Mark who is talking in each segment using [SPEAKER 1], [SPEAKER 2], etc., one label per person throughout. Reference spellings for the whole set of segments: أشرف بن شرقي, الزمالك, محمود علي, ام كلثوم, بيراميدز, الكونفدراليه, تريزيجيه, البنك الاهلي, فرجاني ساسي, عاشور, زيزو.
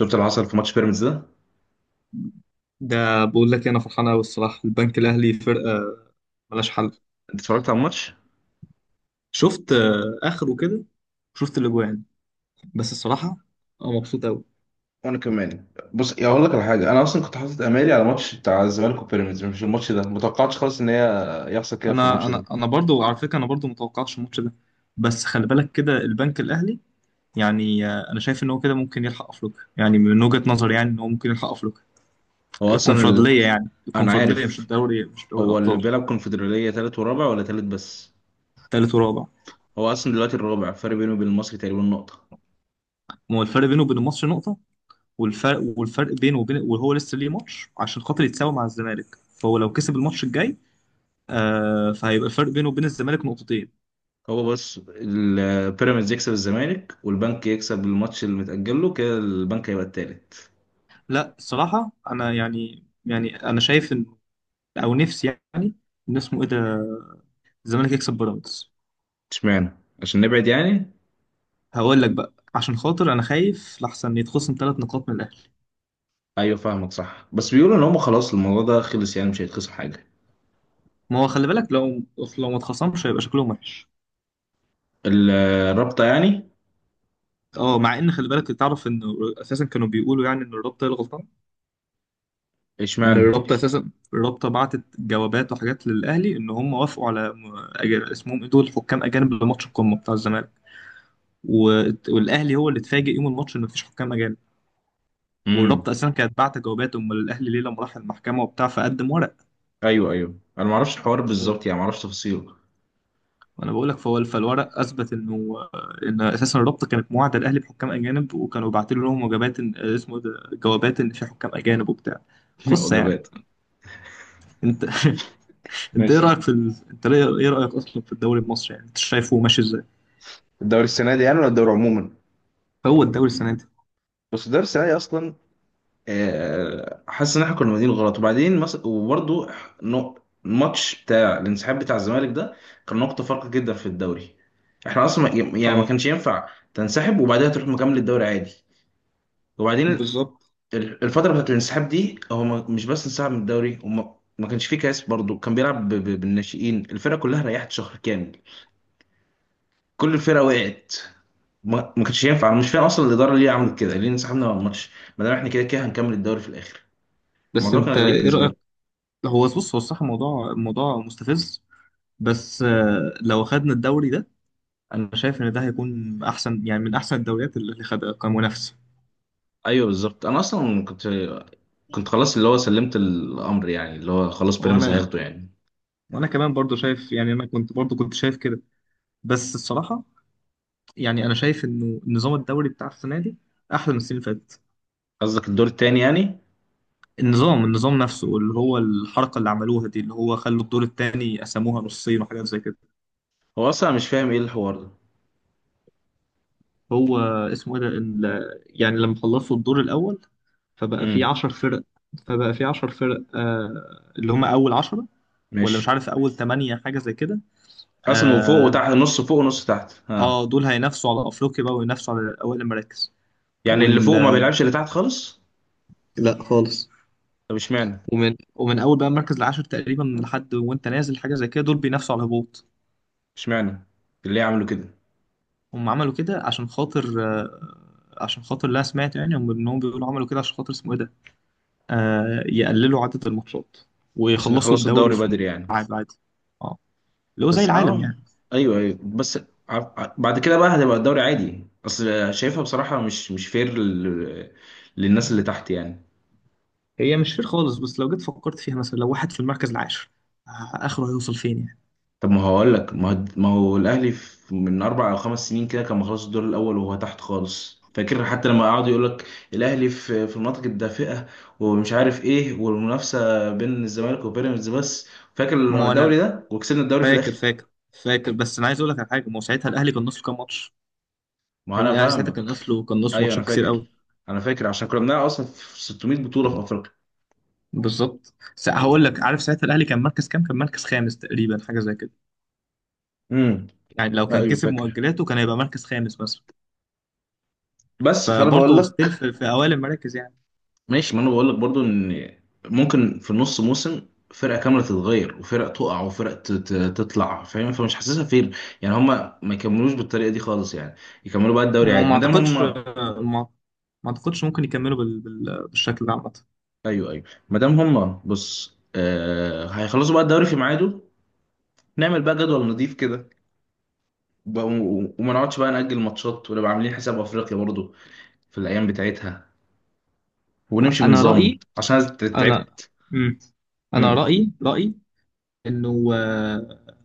[SPEAKER 1] شفت اللي حصل في ماتش بيراميدز ده.
[SPEAKER 2] ده بقول لك إيه، انا فرحان قوي الصراحه. البنك الاهلي فرقه ملهاش حل.
[SPEAKER 1] انت اتفرجت على الماتش؟
[SPEAKER 2] شفت آه، اخره كده. شفت الاجوان. بس الصراحه انا مبسوط قوي.
[SPEAKER 1] وانا كمان. بص يا اقول لك على حاجه، انا اصلا كنت حاطط امالي على ماتش بتاع الزمالك وبيراميدز، مش الماتش ده، متوقعتش خالص ان هي يحصل كده في
[SPEAKER 2] انا
[SPEAKER 1] الماتش
[SPEAKER 2] انا
[SPEAKER 1] ده.
[SPEAKER 2] انا برضو على فكره انا برضو متوقعتش الماتش ده. بس خلي بالك كده البنك الاهلي يعني انا شايف ان هو كده ممكن يلحق افريقيا، يعني من وجهه نظري يعني ان هو ممكن يلحق افريقيا.
[SPEAKER 1] هو اصلا
[SPEAKER 2] الكونفدراليه، يعني
[SPEAKER 1] انا
[SPEAKER 2] الكونفدراليه، مش
[SPEAKER 1] عارف.
[SPEAKER 2] الدوري، مش دوري
[SPEAKER 1] هو اللي
[SPEAKER 2] الابطال.
[SPEAKER 1] بيلعب كونفدرالية تالت ورابع ولا تالت بس؟
[SPEAKER 2] ثالث ورابع.
[SPEAKER 1] هو اصلا دلوقتي الرابع، فرق بينه وبين المصري تقريبا نقطة.
[SPEAKER 2] ما هو الفرق بينه وبين الماتش نقطه. والفرق بينه وبين، وهو لسه ليه ماتش عشان خاطر يتساوي مع الزمالك، فهو لو كسب الماتش الجاي آه فهيبقى الفرق بينه وبين الزمالك نقطتين.
[SPEAKER 1] هو بس بيراميدز يكسب الزمالك والبنك يكسب الماتش اللي متأجل له، كده البنك هيبقى التالت.
[SPEAKER 2] لا الصراحة انا يعني انا شايف ان او نفسي يعني ان اسمه ايه ده الزمالك يكسب بيراميدز.
[SPEAKER 1] اشمعنى؟ عشان نبعد يعني.
[SPEAKER 2] هقول لك بقى عشان خاطر انا خايف لحسن يتخصم ثلاث نقاط من الاهلي.
[SPEAKER 1] ايوه فاهمك صح، بس بيقولوا ان هم خلاص الموضوع ده خلص، يعني مش هيتخصم حاجه.
[SPEAKER 2] ما هو خلي بالك، لو ما اتخصمش هيبقى شكلهم وحش.
[SPEAKER 1] ال- الرابطه يعني.
[SPEAKER 2] اه، مع ان خلي بالك تعرف ان اساسا كانوا بيقولوا يعني ان الرابطه هي الغلطان. ان
[SPEAKER 1] اشمعنى؟
[SPEAKER 2] الرابطه اساسا، الرابطه بعتت جوابات وحاجات للاهلي ان هم وافقوا على اسمهم ايه دول، حكام اجانب لماتش القمه بتاع الزمالك. والاهلي هو اللي اتفاجئ يوم الماتش ان مفيش حكام اجانب.
[SPEAKER 1] امم.
[SPEAKER 2] والرابطه اساسا كانت بعت جوابات، امال الاهلي ليه لما راح المحكمه وبتاع فقدم ورق.
[SPEAKER 1] ايوه ايوه، انا ما اعرفش الحوار
[SPEAKER 2] فقول-
[SPEAKER 1] بالظبط، يعني ما اعرفش تفاصيله.
[SPEAKER 2] وانا بقول لك فهو فالورق اثبت انه ان اساسا الرابطه كانت موعده الاهلي بحكام اجانب وكانوا باعتين لهم وجبات، اسمه إيه ده، جوابات ان في حكام اجانب وبتاع. قصه يعني.
[SPEAKER 1] وجبات.
[SPEAKER 2] انت انت ايه
[SPEAKER 1] ماشي.
[SPEAKER 2] رايك في ايه رايك اصلا في الدوري المصري؟ يعني انت شايفه ماشي ازاي؟
[SPEAKER 1] الدوري السنه دي يعني ولا الدوري عموما؟
[SPEAKER 2] هو الدوري السنه دي.
[SPEAKER 1] بس الدوري السنه دي اصلا، حاسس ان احنا كنا بادئين غلط، وبعدين وبرضه الماتش بتاع الانسحاب بتاع الزمالك ده كان نقطه فارقه جدا في الدوري. احنا اصلا يعني ما
[SPEAKER 2] اه
[SPEAKER 1] كانش ينفع تنسحب وبعدها تروح مكمل الدوري عادي. وبعدين
[SPEAKER 2] بالظبط.
[SPEAKER 1] الفترة بتاعت الانسحاب دي، هو مش بس انسحب من الدوري، وما ما كانش فيه كاس برضه، كان بيلعب بالناشئين، الفرقة كلها ريحت شهر كامل. كل الفرقة وقعت. ما كانش ينفع، انا مش فاهم اصلا الإدارة ليه عملت كده، ليه انسحبنا من الماتش ما دام احنا كده كده هنكمل الدوري في الآخر.
[SPEAKER 2] بس
[SPEAKER 1] الموضوع كان
[SPEAKER 2] انت
[SPEAKER 1] غريب
[SPEAKER 2] ايه
[SPEAKER 1] بالنسبة
[SPEAKER 2] رايك؟
[SPEAKER 1] لي.
[SPEAKER 2] هو بص هو الصراحه موضوع مستفز، بس آه، لو خدنا الدوري ده انا شايف ان ده هيكون احسن، يعني من احسن الدوريات اللي خدها كمنافسه.
[SPEAKER 1] ايوه بالظبط، انا اصلا كنت، كنت خلاص اللي هو سلمت الأمر، يعني اللي هو خلاص بيراميدز
[SPEAKER 2] وانا
[SPEAKER 1] هياخده يعني.
[SPEAKER 2] وانا كمان برضو شايف، يعني انا كنت برضو كنت شايف كده. بس الصراحه يعني انا شايف انه نظام الدوري بتاع السنه دي احلى من السنين اللي فاتت.
[SPEAKER 1] قصدك الدور التاني يعني؟
[SPEAKER 2] النظام نفسه، اللي هو الحركة اللي عملوها دي، اللي هو خلوا الدور التاني قسموها نصين وحاجات زي كده.
[SPEAKER 1] هو اصلا مش فاهم ايه الحوار ده.
[SPEAKER 2] هو اسمه ايه ده يعني لما خلصوا الدور الأول فبقى في
[SPEAKER 1] امم.
[SPEAKER 2] عشر فرق. فبقى في عشر فرق آه، اللي هم أول عشرة، ولا
[SPEAKER 1] ماشي.
[SPEAKER 2] مش عارف أول تمانية، حاجة زي كده.
[SPEAKER 1] قسمه فوق
[SPEAKER 2] آه،
[SPEAKER 1] وتحت، نص فوق ونص تحت، ها.
[SPEAKER 2] آه دول هينافسوا على أفريقيا بقى، وينافسوا على أول المراكز.
[SPEAKER 1] يعني اللي
[SPEAKER 2] وال
[SPEAKER 1] فوق ما بيلعبش اللي تحت خالص؟
[SPEAKER 2] لا خالص.
[SPEAKER 1] طب اشمعنى؟
[SPEAKER 2] ومن أول بقى المركز العاشر تقريبا لحد وأنت نازل، حاجة زي كده، دول بينافسوا على الهبوط.
[SPEAKER 1] اشمعنى اللي يعملوا كده؟
[SPEAKER 2] هم عملوا كده عشان خاطر آه، عشان خاطر اللي انا سمعته يعني، هم انهم بيقولوا عملوا كده عشان خاطر اسمه ايه ده، آه يقللوا عدد الماتشات
[SPEAKER 1] عشان
[SPEAKER 2] ويخلصوا
[SPEAKER 1] يخلصوا
[SPEAKER 2] الدوري
[SPEAKER 1] الدوري
[SPEAKER 2] في
[SPEAKER 1] بدري يعني.
[SPEAKER 2] ميعاد عادي. اه، اللي هو زي
[SPEAKER 1] بس
[SPEAKER 2] العالم
[SPEAKER 1] اه.
[SPEAKER 2] يعني.
[SPEAKER 1] ايوه ايوه بس، بعد كده بقى هتبقى الدوري عادي، اصل شايفها بصراحة مش مش فير للناس اللي تحت يعني.
[SPEAKER 2] هي مش فير خالص، بس لو جيت فكرت فيها مثلا لو واحد في المركز العاشر، آه اخره هيوصل فين يعني؟
[SPEAKER 1] طب ما هقول لك، ما هو الاهلي من اربع او خمس سنين كده كان مخلص الدور الاول وهو تحت خالص، فاكر حتى لما قعدوا يقول لك الاهلي في المناطق الدافئه ومش عارف ايه، والمنافسه بين الزمالك وبيراميدز بس،
[SPEAKER 2] ما
[SPEAKER 1] فاكر
[SPEAKER 2] هو
[SPEAKER 1] الدوري
[SPEAKER 2] انا
[SPEAKER 1] ده وكسبنا الدوري في
[SPEAKER 2] فاكر.
[SPEAKER 1] الاخر.
[SPEAKER 2] فاكر. بس انا عايز اقول لك على حاجه، ما هو ساعتها الاهلي كان ناقص له كام ماتش.
[SPEAKER 1] ما
[SPEAKER 2] يا
[SPEAKER 1] انا
[SPEAKER 2] ابني الاهلي ساعتها كان
[SPEAKER 1] فاهمك.
[SPEAKER 2] ناقص له، كان ناقص له
[SPEAKER 1] ايوه انا
[SPEAKER 2] ماتشات كتير
[SPEAKER 1] فاكر،
[SPEAKER 2] قوي.
[SPEAKER 1] انا فاكر، عشان كنا بنلعب اصلا في 600 بطوله في افريقيا.
[SPEAKER 2] بالظبط، هقول لك، عارف ساعتها الاهلي كان مركز كام؟ كان مركز خامس تقريبا، حاجه زي كده.
[SPEAKER 1] امم.
[SPEAKER 2] يعني لو كان
[SPEAKER 1] ايوه
[SPEAKER 2] كسب
[SPEAKER 1] فاكر.
[SPEAKER 2] مؤجلاته كان هيبقى مركز خامس مثلا.
[SPEAKER 1] بس فانا بقول
[SPEAKER 2] فبرضه ستيل
[SPEAKER 1] لك،
[SPEAKER 2] في، في اوائل المراكز يعني.
[SPEAKER 1] ماشي، ما انا بقول لك برضو ان ممكن في نص موسم فرقه كامله تتغير، وفرق تقع وفرق تطلع، فاهم؟ فمش حاسسها فين يعني. هما ما يكملوش بالطريقه دي خالص يعني، يكملوا بقى الدوري
[SPEAKER 2] ما
[SPEAKER 1] عادي
[SPEAKER 2] ما
[SPEAKER 1] ما دام
[SPEAKER 2] اعتقدش
[SPEAKER 1] هما.
[SPEAKER 2] ما, ما اعتقدش ممكن يكملوا بالشكل ده عامه.
[SPEAKER 1] ايوه ايوه، ما دام هما بص، هيخلصوا بقى الدوري في ميعاده، نعمل بقى جدول نظيف كده، وما نقعدش بقى نأجل ماتشات، ونبقى عاملين حساب افريقيا برضو في الايام بتاعتها، ونمشي
[SPEAKER 2] انا
[SPEAKER 1] بنظام،
[SPEAKER 2] رايي،
[SPEAKER 1] عشان أنا
[SPEAKER 2] انا
[SPEAKER 1] تعبت.
[SPEAKER 2] مم. انا
[SPEAKER 1] امم.
[SPEAKER 2] رايي انه آه،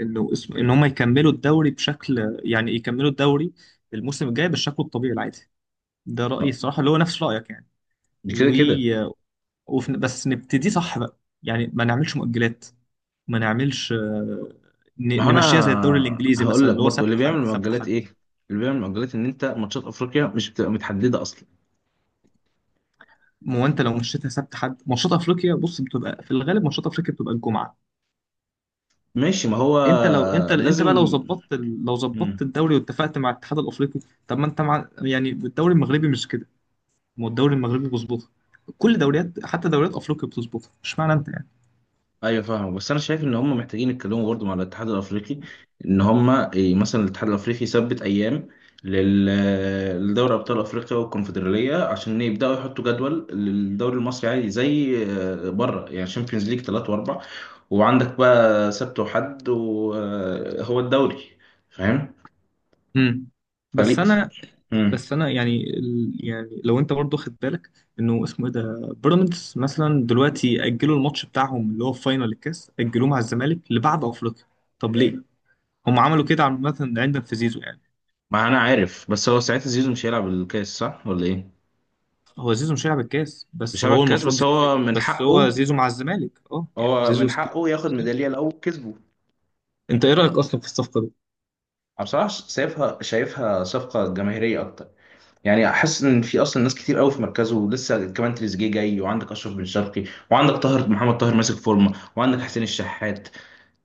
[SPEAKER 2] انه اسم، ان هم يكملوا الدوري بشكل، يعني يكملوا الدوري الموسم الجاي بالشكل الطبيعي العادي. ده رأيي الصراحة اللي هو نفس رأيك يعني.
[SPEAKER 1] كده
[SPEAKER 2] و...
[SPEAKER 1] كده.
[SPEAKER 2] بس نبتدي صح بقى، يعني ما نعملش مؤجلات، ما نعملش آه،
[SPEAKER 1] ما هو
[SPEAKER 2] نمشيها زي الدوري
[SPEAKER 1] انا
[SPEAKER 2] الانجليزي
[SPEAKER 1] هقول
[SPEAKER 2] مثلا،
[SPEAKER 1] لك
[SPEAKER 2] اللي هو
[SPEAKER 1] برضو، اللي
[SPEAKER 2] سبت
[SPEAKER 1] بيعمل
[SPEAKER 2] حد سبت
[SPEAKER 1] مؤجلات
[SPEAKER 2] حد.
[SPEAKER 1] ايه؟ اللي بيعمل مؤجلات ان انت ماتشات افريقيا مش بتبقى متحدده اصلا.
[SPEAKER 2] ما هو انت لو مشيتها سبت حد، ماتشات افريقيا بص بتبقى في الغالب، ماتشات افريقيا بتبقى الجمعه.
[SPEAKER 1] ماشي ما هو.
[SPEAKER 2] انت لو انت
[SPEAKER 1] لازم.
[SPEAKER 2] بقى لو ظبطت لو ظبطت
[SPEAKER 1] مم.
[SPEAKER 2] الدوري واتفقت مع الاتحاد الافريقي. طب ما انت مع يعني الدوري المغربي مش كده؟ ما هو الدوري المغربي بيظبطها. كل دوريات، حتى دوريات افريقيا بتظبطها، مش معنى انت.
[SPEAKER 1] ايوه فاهم، بس انا شايف ان هم محتاجين يتكلموا برضو مع الاتحاد الافريقي، ان هم إيه، مثلا الاتحاد الافريقي يثبت ايام لدوري ابطال افريقيا والكونفدراليه، عشان يبداوا يحطوا جدول للدوري المصري عادي زي بره يعني، شامبيونز ليج ثلاثة واربع، وعندك بقى سبت وحد وهو الدوري. فاهم؟
[SPEAKER 2] مم. بس
[SPEAKER 1] فريق.
[SPEAKER 2] انا،
[SPEAKER 1] امم.
[SPEAKER 2] بس انا يعني يعني لو انت برضو خد بالك انه اسمه ايه ده، بيراميدز مثلا دلوقتي اجلوا الماتش بتاعهم اللي هو في فاينل الكاس، اجلوه مع الزمالك لبعد افريقيا. طب ليه هم عملوا كده؟ عامه عندنا في زيزو يعني.
[SPEAKER 1] ما انا عارف، بس هو ساعتها زيزو مش هيلعب الكاس صح ولا ايه؟
[SPEAKER 2] هو زيزو مش هيلعب الكاس،
[SPEAKER 1] مش
[SPEAKER 2] بس
[SPEAKER 1] هيلعب
[SPEAKER 2] هو
[SPEAKER 1] الكاس،
[SPEAKER 2] المفروض
[SPEAKER 1] بس
[SPEAKER 2] زيزو
[SPEAKER 1] هو من
[SPEAKER 2] بس هو
[SPEAKER 1] حقه،
[SPEAKER 2] زيزو مع الزمالك اه، يعني
[SPEAKER 1] هو
[SPEAKER 2] زيزو
[SPEAKER 1] من
[SPEAKER 2] ستيل.
[SPEAKER 1] حقه ياخد ميدالية لو كسبه.
[SPEAKER 2] انت ايه رايك اصلا في الصفقه دي؟
[SPEAKER 1] انا بصراحة شايفها، شايفها صفقة جماهيرية اكتر. يعني احس ان في اصلا ناس كتير قوي في مركزه، ولسه كمان تريزيجيه جاي، وعندك اشرف بن شرقي، وعندك طاهر محمد طاهر ماسك فورمة، وعندك حسين الشحات.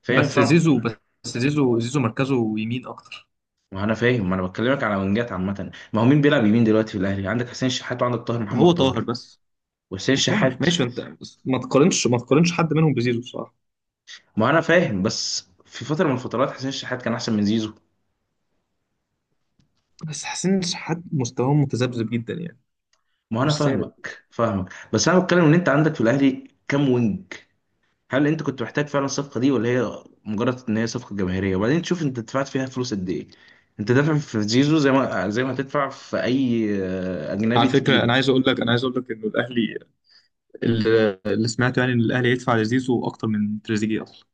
[SPEAKER 1] فاهم
[SPEAKER 2] بس
[SPEAKER 1] فاهم.
[SPEAKER 2] زيزو، بس زيزو، زيزو مركزه يمين اكتر.
[SPEAKER 1] ما انا فاهم، ما انا بكلمك على وينجات عامة، ما هو مين بيلعب يمين دلوقتي في الاهلي؟ عندك حسين الشحات وعندك طاهر محمد
[SPEAKER 2] هو طاهر
[SPEAKER 1] طاهر
[SPEAKER 2] بس.
[SPEAKER 1] وحسين
[SPEAKER 2] طبعا
[SPEAKER 1] الشحات.
[SPEAKER 2] ماشي انت، ما تقارنش، ما تقارنش حد منهم بزيزو بصراحه.
[SPEAKER 1] ما انا فاهم، بس في فتره من الفترات حسين الشحات كان احسن من زيزو.
[SPEAKER 2] بس حسين شحات مستواه متذبذب جدا يعني،
[SPEAKER 1] ما انا
[SPEAKER 2] مش ثابت.
[SPEAKER 1] فاهمك فاهمك، بس انا بتكلم ان انت عندك في الاهلي كام وينج؟ هل انت كنت محتاج فعلا الصفقه دي، ولا هي مجرد ان هي صفقه جماهيريه؟ وبعدين تشوف انت دفعت فيها فلوس قد ايه، انت دافع في زيزو زي ما زي ما هتدفع في اي اجنبي
[SPEAKER 2] على فكره انا
[SPEAKER 1] تقيل.
[SPEAKER 2] عايز اقول لك، انا عايز اقول لك انه الاهلي، اللي سمعته يعني ان الاهلي هيدفع لزيزو اكتر من تريزيجيه اصلا.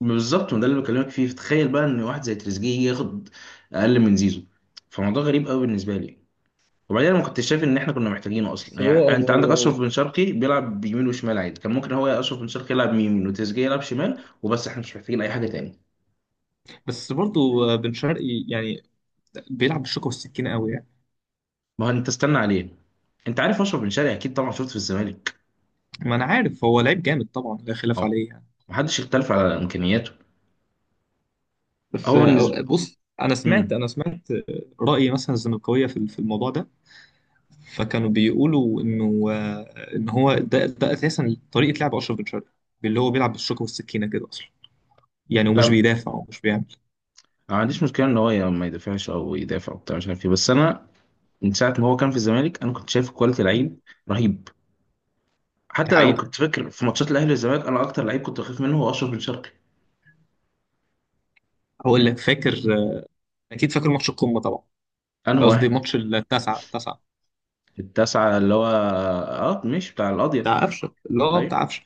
[SPEAKER 1] بالظبط، وده اللي بكلمك فيه، تخيل بقى ان واحد زي تريزيجيه يجي ياخد اقل من زيزو، فموضوع غريب قوي بالنسبه لي. وبعدين أنا ما كنتش شايف ان احنا كنا محتاجينه
[SPEAKER 2] بس
[SPEAKER 1] اصلا،
[SPEAKER 2] هو
[SPEAKER 1] يعني انت عندك
[SPEAKER 2] هو هو
[SPEAKER 1] اشرف بن شرقي بيلعب بيمين وشمال عادي، كان ممكن هو يا اشرف بن شرقي يلعب يمين وتريزيجيه يلعب شمال وبس، احنا مش محتاجين اي حاجه تاني.
[SPEAKER 2] بس برضو بن شرقي يعني بيلعب بالشوكه والسكينه قوي يعني.
[SPEAKER 1] ما هو انت استنى عليه، انت عارف اشرف بن شرقي اكيد طبعا، شفته في الزمالك.
[SPEAKER 2] ما انا عارف، هو لعيب جامد طبعا لا خلاف
[SPEAKER 1] اه.
[SPEAKER 2] عليه يعني.
[SPEAKER 1] محدش يختلف على امكانياته.
[SPEAKER 2] بس
[SPEAKER 1] هو بالنسبه.
[SPEAKER 2] بص انا سمعت،
[SPEAKER 1] امم.
[SPEAKER 2] انا سمعت راي مثلا الزملكاويه في في الموضوع ده، فكانوا بيقولوا انه آه، ان هو ده اساسا طريقه لعب اشرف بن شرقي، اللي هو بيلعب بالشوكه والسكينه كده اصلا، يعني
[SPEAKER 1] لا
[SPEAKER 2] ومش
[SPEAKER 1] أنا
[SPEAKER 2] بيدافع ومش بيعمل.
[SPEAKER 1] ما عنديش مشكله ان هو ما يدافعش او يدافع وبتاع مش عارف ايه، بس انا من ساعه ما هو كان في الزمالك انا كنت شايف كواليتي لعيب رهيب،
[SPEAKER 2] دي
[SPEAKER 1] حتى لو
[SPEAKER 2] حقيقه.
[SPEAKER 1] كنت فاكر في ماتشات الاهلي والزمالك انا اكتر لعيب كنت بخاف منه هو اشرف بن شرقي.
[SPEAKER 2] هقول لك فاكر آه، اكيد فاكر ماتش القمه طبعا،
[SPEAKER 1] انا
[SPEAKER 2] قصدي
[SPEAKER 1] واحد.
[SPEAKER 2] ماتش التاسعه التاسعه
[SPEAKER 1] التاسعة، اللي هو اه مش بتاع القاضية؟
[SPEAKER 2] بتاع قفشه، اللي هو
[SPEAKER 1] ايوه.
[SPEAKER 2] بتاع قفشه.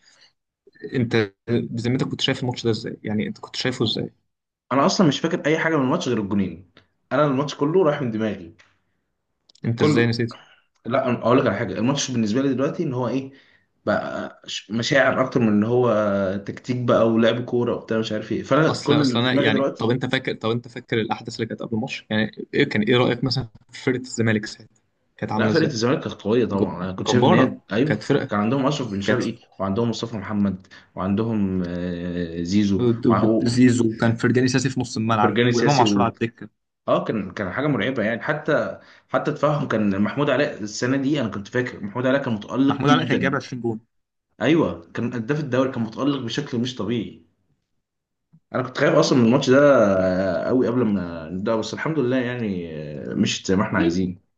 [SPEAKER 2] انت بذمتك كنت شايف الماتش ده ازاي يعني؟ انت كنت شايفه ازاي؟
[SPEAKER 1] انا اصلا مش فاكر اي حاجة من الماتش غير الجونين، انا الماتش كله رايح من دماغي.
[SPEAKER 2] انت ازاي
[SPEAKER 1] كل،
[SPEAKER 2] نسيته؟
[SPEAKER 1] لا أنا اقول لك على حاجة، الماتش بالنسبة لي دلوقتي ان هو ايه، بقى مشاعر اكتر من ان هو تكتيك بقى ولعب كورة وبتاع مش عارف ايه، فانا
[SPEAKER 2] اصل
[SPEAKER 1] كل
[SPEAKER 2] اصل
[SPEAKER 1] اللي في
[SPEAKER 2] انا
[SPEAKER 1] دماغي
[SPEAKER 2] يعني، طب
[SPEAKER 1] دلوقتي.
[SPEAKER 2] انت فاكر، طب انت فاكر الاحداث اللي كانت قبل الماتش؟ يعني ايه كان ايه رايك مثلا في فرقه الزمالك ساعتها، كانت
[SPEAKER 1] لا
[SPEAKER 2] عامله
[SPEAKER 1] فرقة
[SPEAKER 2] ازاي؟
[SPEAKER 1] الزمالك كانت قوية طبعا، انا كنت شايف ان
[SPEAKER 2] جباره،
[SPEAKER 1] هي ايوه.
[SPEAKER 2] كانت فرقه،
[SPEAKER 1] كان عندهم اشرف بن
[SPEAKER 2] كانت.
[SPEAKER 1] شرقي، وعندهم مصطفى محمد، وعندهم زيزو،
[SPEAKER 2] زيزو كان، فرجاني ساسي في نص الملعب،
[SPEAKER 1] وفرجاني
[SPEAKER 2] وامام
[SPEAKER 1] سياسي
[SPEAKER 2] عاشور على الدكه.
[SPEAKER 1] اه. كان كان حاجة مرعبة يعني. حتى حتى تفهم، كان محمود علاء السنه دي، انا كنت فاكر محمود علاء كان متالق
[SPEAKER 2] محمود علي كان جايب
[SPEAKER 1] جدا.
[SPEAKER 2] 20 جون
[SPEAKER 1] ايوه، كان هداف الدوري، كان متالق بشكل مش طبيعي. انا كنت خايف اصلا من الماتش ده قوي قبل ما نبدا، بس الحمد لله يعني، مشيت زي ما احنا عايزين.